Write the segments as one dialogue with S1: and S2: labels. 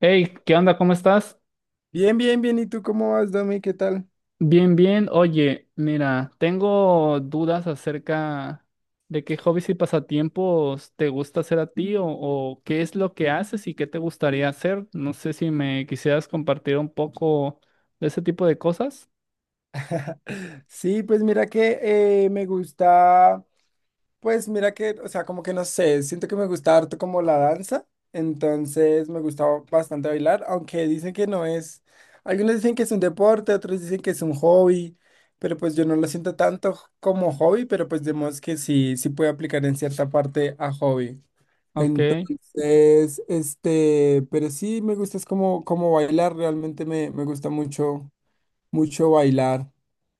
S1: Hey, ¿qué onda? ¿Cómo estás?
S2: Bien, bien, bien. ¿Y tú cómo vas, Domi? ¿Qué tal?
S1: Bien, bien. Oye, mira, tengo dudas acerca de qué hobbies y pasatiempos te gusta hacer a ti o qué es lo que haces y qué te gustaría hacer. No sé si me quisieras compartir un poco de ese tipo de cosas.
S2: Sí, pues mira que me gusta, pues mira que, o sea, como que no sé, siento que me gusta harto como la danza, entonces me gusta bastante bailar, aunque dicen que no es, algunos dicen que es un deporte, otros dicen que es un hobby, pero pues yo no lo siento tanto como hobby, pero pues vemos que sí, sí puede aplicar en cierta parte a hobby.
S1: Ok,
S2: Entonces, este, pero sí me gusta es como, como bailar, realmente me gusta mucho mucho bailar.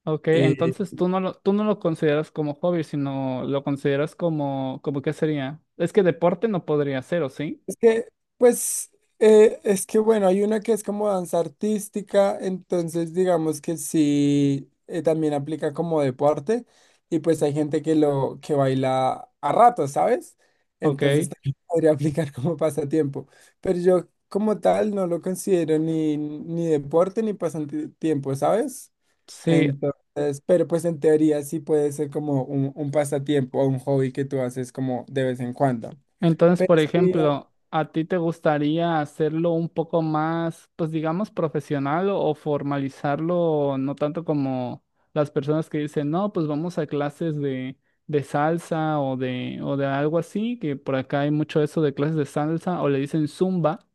S1: ok.
S2: eh,
S1: Entonces tú no lo consideras como hobby, sino lo consideras como, como qué sería. Es que deporte no podría ser, ¿o sí?
S2: es que, pues, es que bueno, hay una que es como danza artística, entonces digamos que sí, también aplica como deporte y pues hay gente que lo que baila a rato, ¿sabes?
S1: Ok.
S2: Entonces también podría aplicar como pasatiempo, pero yo como tal no lo considero ni, ni deporte ni pasatiempo, ¿sabes?
S1: Sí.
S2: Entonces, pero pues en teoría sí puede ser como un pasatiempo o un hobby que tú haces como de vez en cuando.
S1: Entonces,
S2: Pero
S1: por
S2: sí,
S1: ejemplo, ¿a ti te gustaría hacerlo un poco más, pues digamos, profesional o formalizarlo, no tanto como las personas que dicen, no, pues vamos a clases de salsa o de algo así, que por acá hay mucho eso de clases de salsa, o le dicen zumba.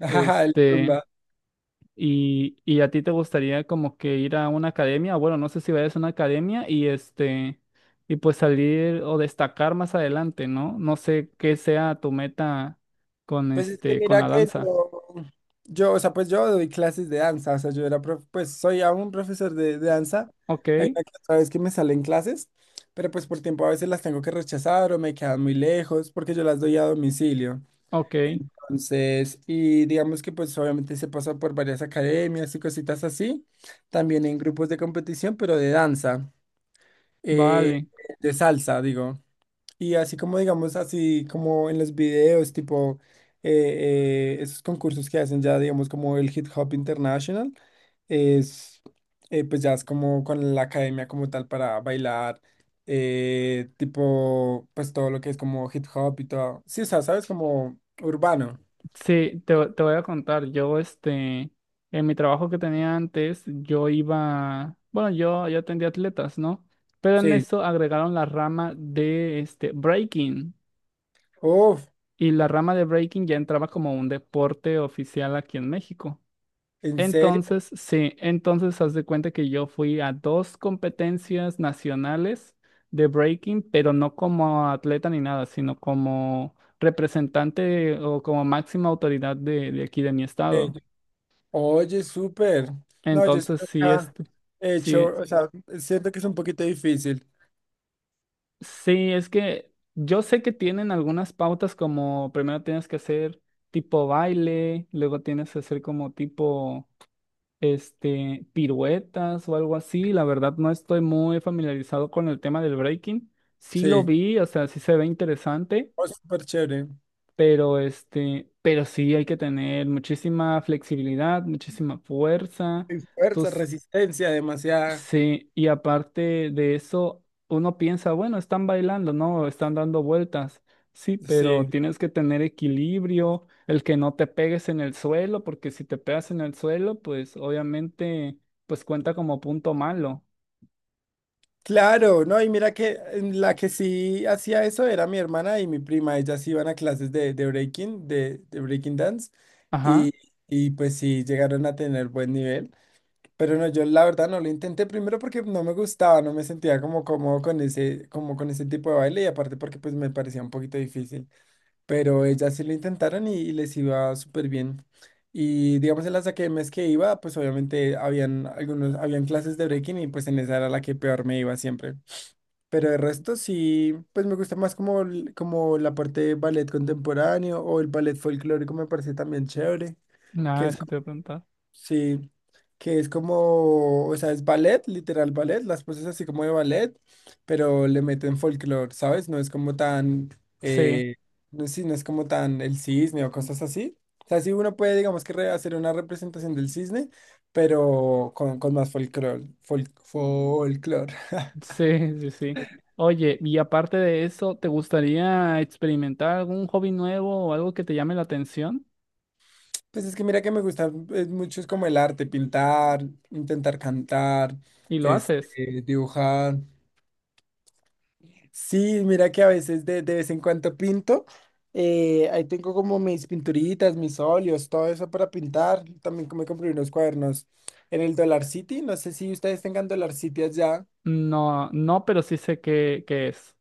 S2: ajá, el
S1: Este.
S2: zumba.
S1: Y a ti te gustaría como que ir a una academia? Bueno, no sé si vayas a una academia y pues salir o destacar más adelante, ¿no? No sé qué sea tu meta con
S2: Pues es que
S1: este, con
S2: mira
S1: la
S2: que
S1: danza.
S2: yo, o sea, pues yo doy clases de danza, o sea, yo era, pues soy aún profesor de danza.
S1: Ok,
S2: Hay una que otra vez que me salen clases, pero pues por tiempo a veces las tengo que rechazar o me quedan muy lejos porque yo las doy a domicilio.
S1: ok,
S2: Entonces, y digamos que pues obviamente se pasa por varias academias y cositas así, también en grupos de competición, pero de danza, eh,
S1: vale.
S2: de salsa, digo. Y así como digamos, así como en los videos, tipo esos concursos que hacen ya, digamos, como el Hip Hop International, es pues ya es como con la academia como tal para bailar, tipo pues todo lo que es como hip hop y todo. Sí, o sea, sabes, como urbano.
S1: Sí, te voy a contar. Yo, en mi trabajo que tenía antes, bueno, yo atendía atletas, ¿no? Pero en
S2: Sí.
S1: eso agregaron la rama de este breaking.
S2: Uf,
S1: Y la rama de breaking ya entraba como un deporte oficial aquí en México.
S2: ¿en serio?
S1: Entonces, sí. Entonces haz de cuenta que yo fui a dos competencias nacionales de breaking, pero no como atleta ni nada, sino como representante o como máxima autoridad de aquí de mi
S2: Eh,
S1: estado.
S2: Oye, súper. No, yo sí
S1: Entonces, sí,
S2: nunca he hecho,
S1: sí,
S2: o sea, siento que es un poquito difícil.
S1: sí, es que yo sé que tienen algunas pautas como primero tienes que hacer tipo baile, luego tienes que hacer como tipo piruetas o algo así. La verdad no estoy muy familiarizado con el tema del breaking. Sí lo
S2: Sí,
S1: vi, o sea, sí se ve interesante,
S2: oh, súper chévere.
S1: pero sí hay que tener muchísima flexibilidad, muchísima fuerza.
S2: Y fuerza,
S1: Tus
S2: resistencia, demasiada.
S1: Sí, y aparte de eso, uno piensa, bueno, están bailando, ¿no? Están dando vueltas. Sí, pero
S2: Sí.
S1: tienes que tener equilibrio, el que no te pegues en el suelo, porque si te pegas en el suelo, pues obviamente, pues cuenta como punto malo.
S2: Claro, no, y mira que en la que sí hacía eso era mi hermana y mi prima. Ellas iban a clases de breaking dance, y,
S1: Ajá,
S2: y pues sí llegaron a tener buen nivel. Pero no, yo la verdad no lo intenté primero porque no me gustaba, no me sentía como cómodo con ese, como con ese tipo de baile y aparte porque pues me parecía un poquito difícil. Pero ellas sí lo intentaron y les iba súper bien. Y digamos en las academias que iba, pues obviamente habían algunos, habían clases de breaking y pues en esa era la que peor me iba siempre. Pero el resto sí, pues me gusta más como, como la parte de ballet contemporáneo o el ballet folclórico me parece también chévere, que
S1: nada,
S2: es
S1: eso te voy a preguntar.
S2: sí, que es como, o sea, es ballet, literal ballet, las poses así como de ballet, pero le meten folclore, ¿sabes? No es como tan,
S1: Sí,
S2: eh, no, sí, no es como tan el cisne o cosas así. O sea, sí uno puede, digamos que hacer una representación del cisne, pero con más folclore, folclore.
S1: sí, sí, sí. Oye, y aparte de eso, ¿te gustaría experimentar algún hobby nuevo o algo que te llame la atención?
S2: Pues es que mira que me gusta mucho es como el arte, pintar, intentar cantar,
S1: ¿Y lo haces?
S2: este, dibujar. Sí, mira que a veces de vez en cuando pinto. Ahí tengo como mis pinturitas, mis óleos, todo eso para pintar. También me compré unos cuadernos en el Dollar City. No sé si ustedes tengan Dollar City allá.
S1: No, no, pero sí sé qué es.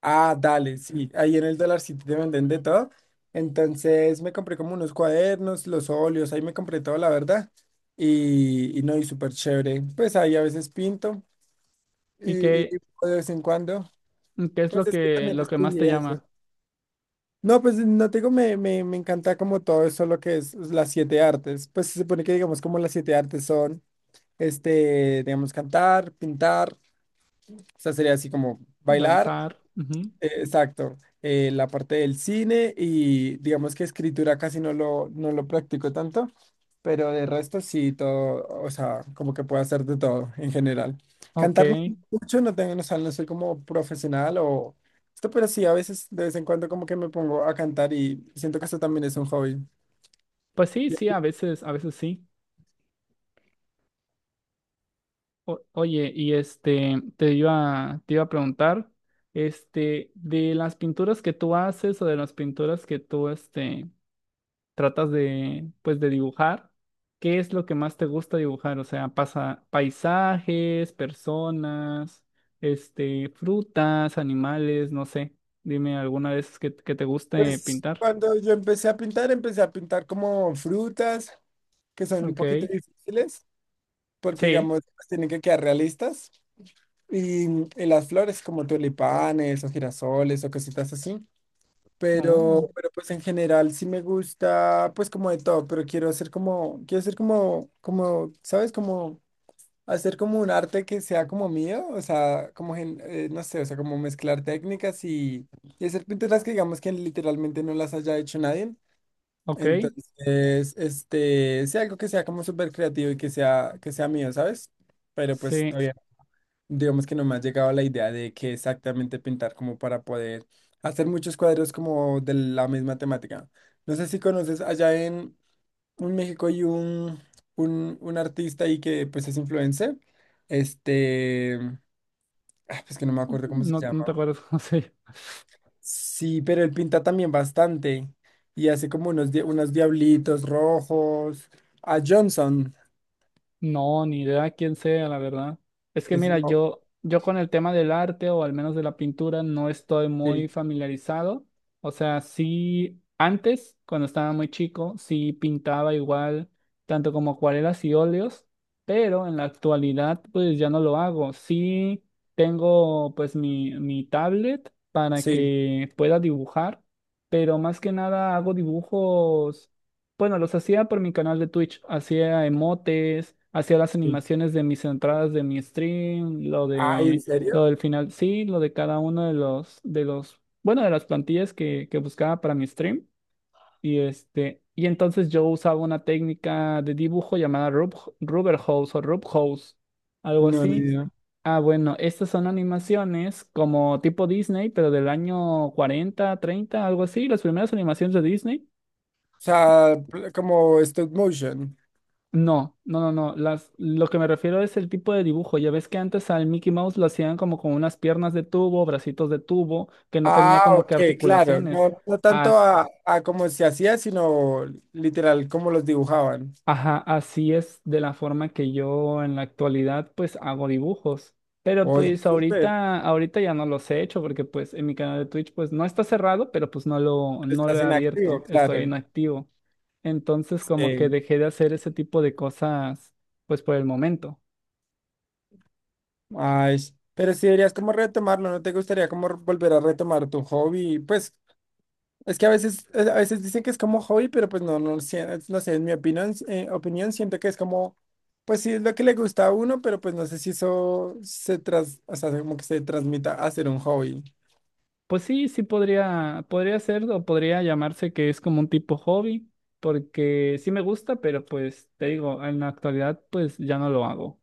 S2: Ah, dale, sí. Ahí en el Dollar City te venden de todo. Entonces me compré como unos cuadernos, los óleos, ahí me compré todo, la verdad. Y no, y súper chévere. Pues ahí a veces pinto
S1: ¿Y
S2: y
S1: qué,
S2: de vez en cuando.
S1: qué es
S2: Pues
S1: lo
S2: es que
S1: que,
S2: también
S1: lo que más te
S2: estudié eso.
S1: llama?
S2: No, pues no te digo, me encanta como todo eso lo que es las siete artes. Pues se supone que digamos como las siete artes son, este, digamos, cantar, pintar, o sea, sería así como bailar,
S1: Danzar. Ujú.
S2: exacto, la parte del cine y digamos que escritura casi no lo, no lo practico tanto, pero de resto sí, todo, o sea, como que puedo hacer de todo en general.
S1: Ok.
S2: Cantar no mucho, no tengo, o sea, no soy como profesional o esto, pero sí, a veces de vez en cuando como que me pongo a cantar y siento que eso también es un hobby.
S1: Pues sí,
S2: Y
S1: sí, a veces sí. Oye, te iba a preguntar, de las pinturas que tú haces o de las pinturas que tú, tratas pues de dibujar, ¿qué es lo que más te gusta dibujar? O sea, pasa paisajes, personas, frutas, animales, no sé. Dime alguna vez que te guste
S2: pues
S1: pintar.
S2: cuando yo empecé a pintar como frutas que son un
S1: Ok,
S2: poquito difíciles, porque
S1: sí.
S2: digamos, pues, tienen que quedar realistas. Y, mm, y las flores como tulipanes o girasoles o cositas así.
S1: Oh,
S2: Pero pues en general sí me gusta pues como de todo, pero quiero hacer como, como, ¿sabes? Como hacer como un arte que sea como mío, o sea, como, no sé, o sea, como mezclar técnicas y hacer pinturas que digamos que literalmente no las haya hecho nadie.
S1: ok,
S2: Entonces, este, sea algo que sea como súper creativo y que sea mío, ¿sabes? Pero pues
S1: sí.
S2: todavía digamos que no me ha llegado la idea de qué exactamente pintar como para poder hacer muchos cuadros como de la misma temática. No sé si conoces allá en México hay un artista ahí que pues es influencer. Este, ah, pues que no me acuerdo cómo se
S1: No,
S2: llama.
S1: no te acuerdas cómo se
S2: Sí, pero él pinta también bastante y hace como unos, unos diablitos rojos. A Johnson.
S1: No, ni idea quién sea, la verdad. Es que mira,
S2: Oh,
S1: yo con el tema del arte o al menos de la pintura no estoy muy
S2: sí,
S1: familiarizado. O sea, sí, antes, cuando estaba muy chico, sí pintaba igual, tanto como acuarelas y óleos, pero en la actualidad pues ya no lo hago. Sí tengo pues mi tablet para
S2: sí,
S1: que pueda dibujar, pero más que nada hago dibujos, bueno, los hacía por mi canal de Twitch. Hacía emotes, hacía las
S2: sí.
S1: animaciones de mis entradas de mi stream, lo
S2: Ay, ¿en
S1: de
S2: serio?
S1: lo del final, sí, lo de cada uno de los, bueno, de las plantillas que buscaba para mi stream. Y entonces yo usaba una técnica de dibujo llamada Rubber Hose o Rub Hose, algo
S2: No, ni
S1: así.
S2: idea.
S1: Ah, bueno, estas son animaciones como tipo Disney, pero del año 40, 30, algo así, las primeras animaciones de Disney.
S2: O sea, como stop motion.
S1: No, no, no, no. Lo que me refiero es el tipo de dibujo. Ya ves que antes al Mickey Mouse lo hacían como con unas piernas de tubo, bracitos de tubo, que no tenía
S2: Ah,
S1: como que
S2: ok, claro.
S1: articulaciones.
S2: No, no tanto
S1: As-
S2: a cómo se hacía, sino literal cómo los dibujaban.
S1: ajá, así es de la forma que yo en la actualidad pues hago dibujos. Pero
S2: Oye,
S1: pues
S2: súper,
S1: ahorita ya no los he hecho porque pues en mi canal de Twitch pues no está cerrado, pero pues no lo,
S2: pero
S1: no lo
S2: estás
S1: he
S2: inactivo,
S1: abierto. Estoy
S2: claro.
S1: inactivo. Entonces como que
S2: Sí.
S1: dejé de hacer ese tipo de cosas pues por el momento.
S2: Ay, pero si deberías como retomarlo, ¿no te gustaría como volver a retomar tu hobby? Pues es que a veces dicen que es como hobby, pero pues no, no, sé, no sé, en mi opinión, opinión siento que es como, pues sí, es lo que le gusta a uno, pero pues no sé si eso se tras, o sea, como que se transmita a ser un hobby.
S1: Pues sí, sí podría ser o podría llamarse que es como un tipo hobby, porque sí me gusta, pero pues te digo, en la actualidad pues ya no lo hago.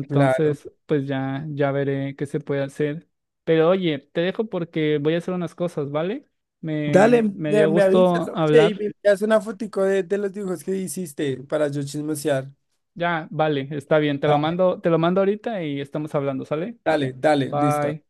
S2: Claro.
S1: pues ya veré qué se puede hacer. Pero oye, te dejo porque voy a hacer unas cosas, ¿vale? Me,
S2: Dale,
S1: me dio
S2: me avisas,
S1: gusto
S2: oye, y
S1: hablar.
S2: me envías una fotico de los dibujos que hiciste para yo chismosear.
S1: Ya, vale, está bien. Te lo
S2: Da-
S1: mando, te lo mando ahorita y estamos hablando, ¿sale?
S2: Dale, dale, listo.
S1: Bye.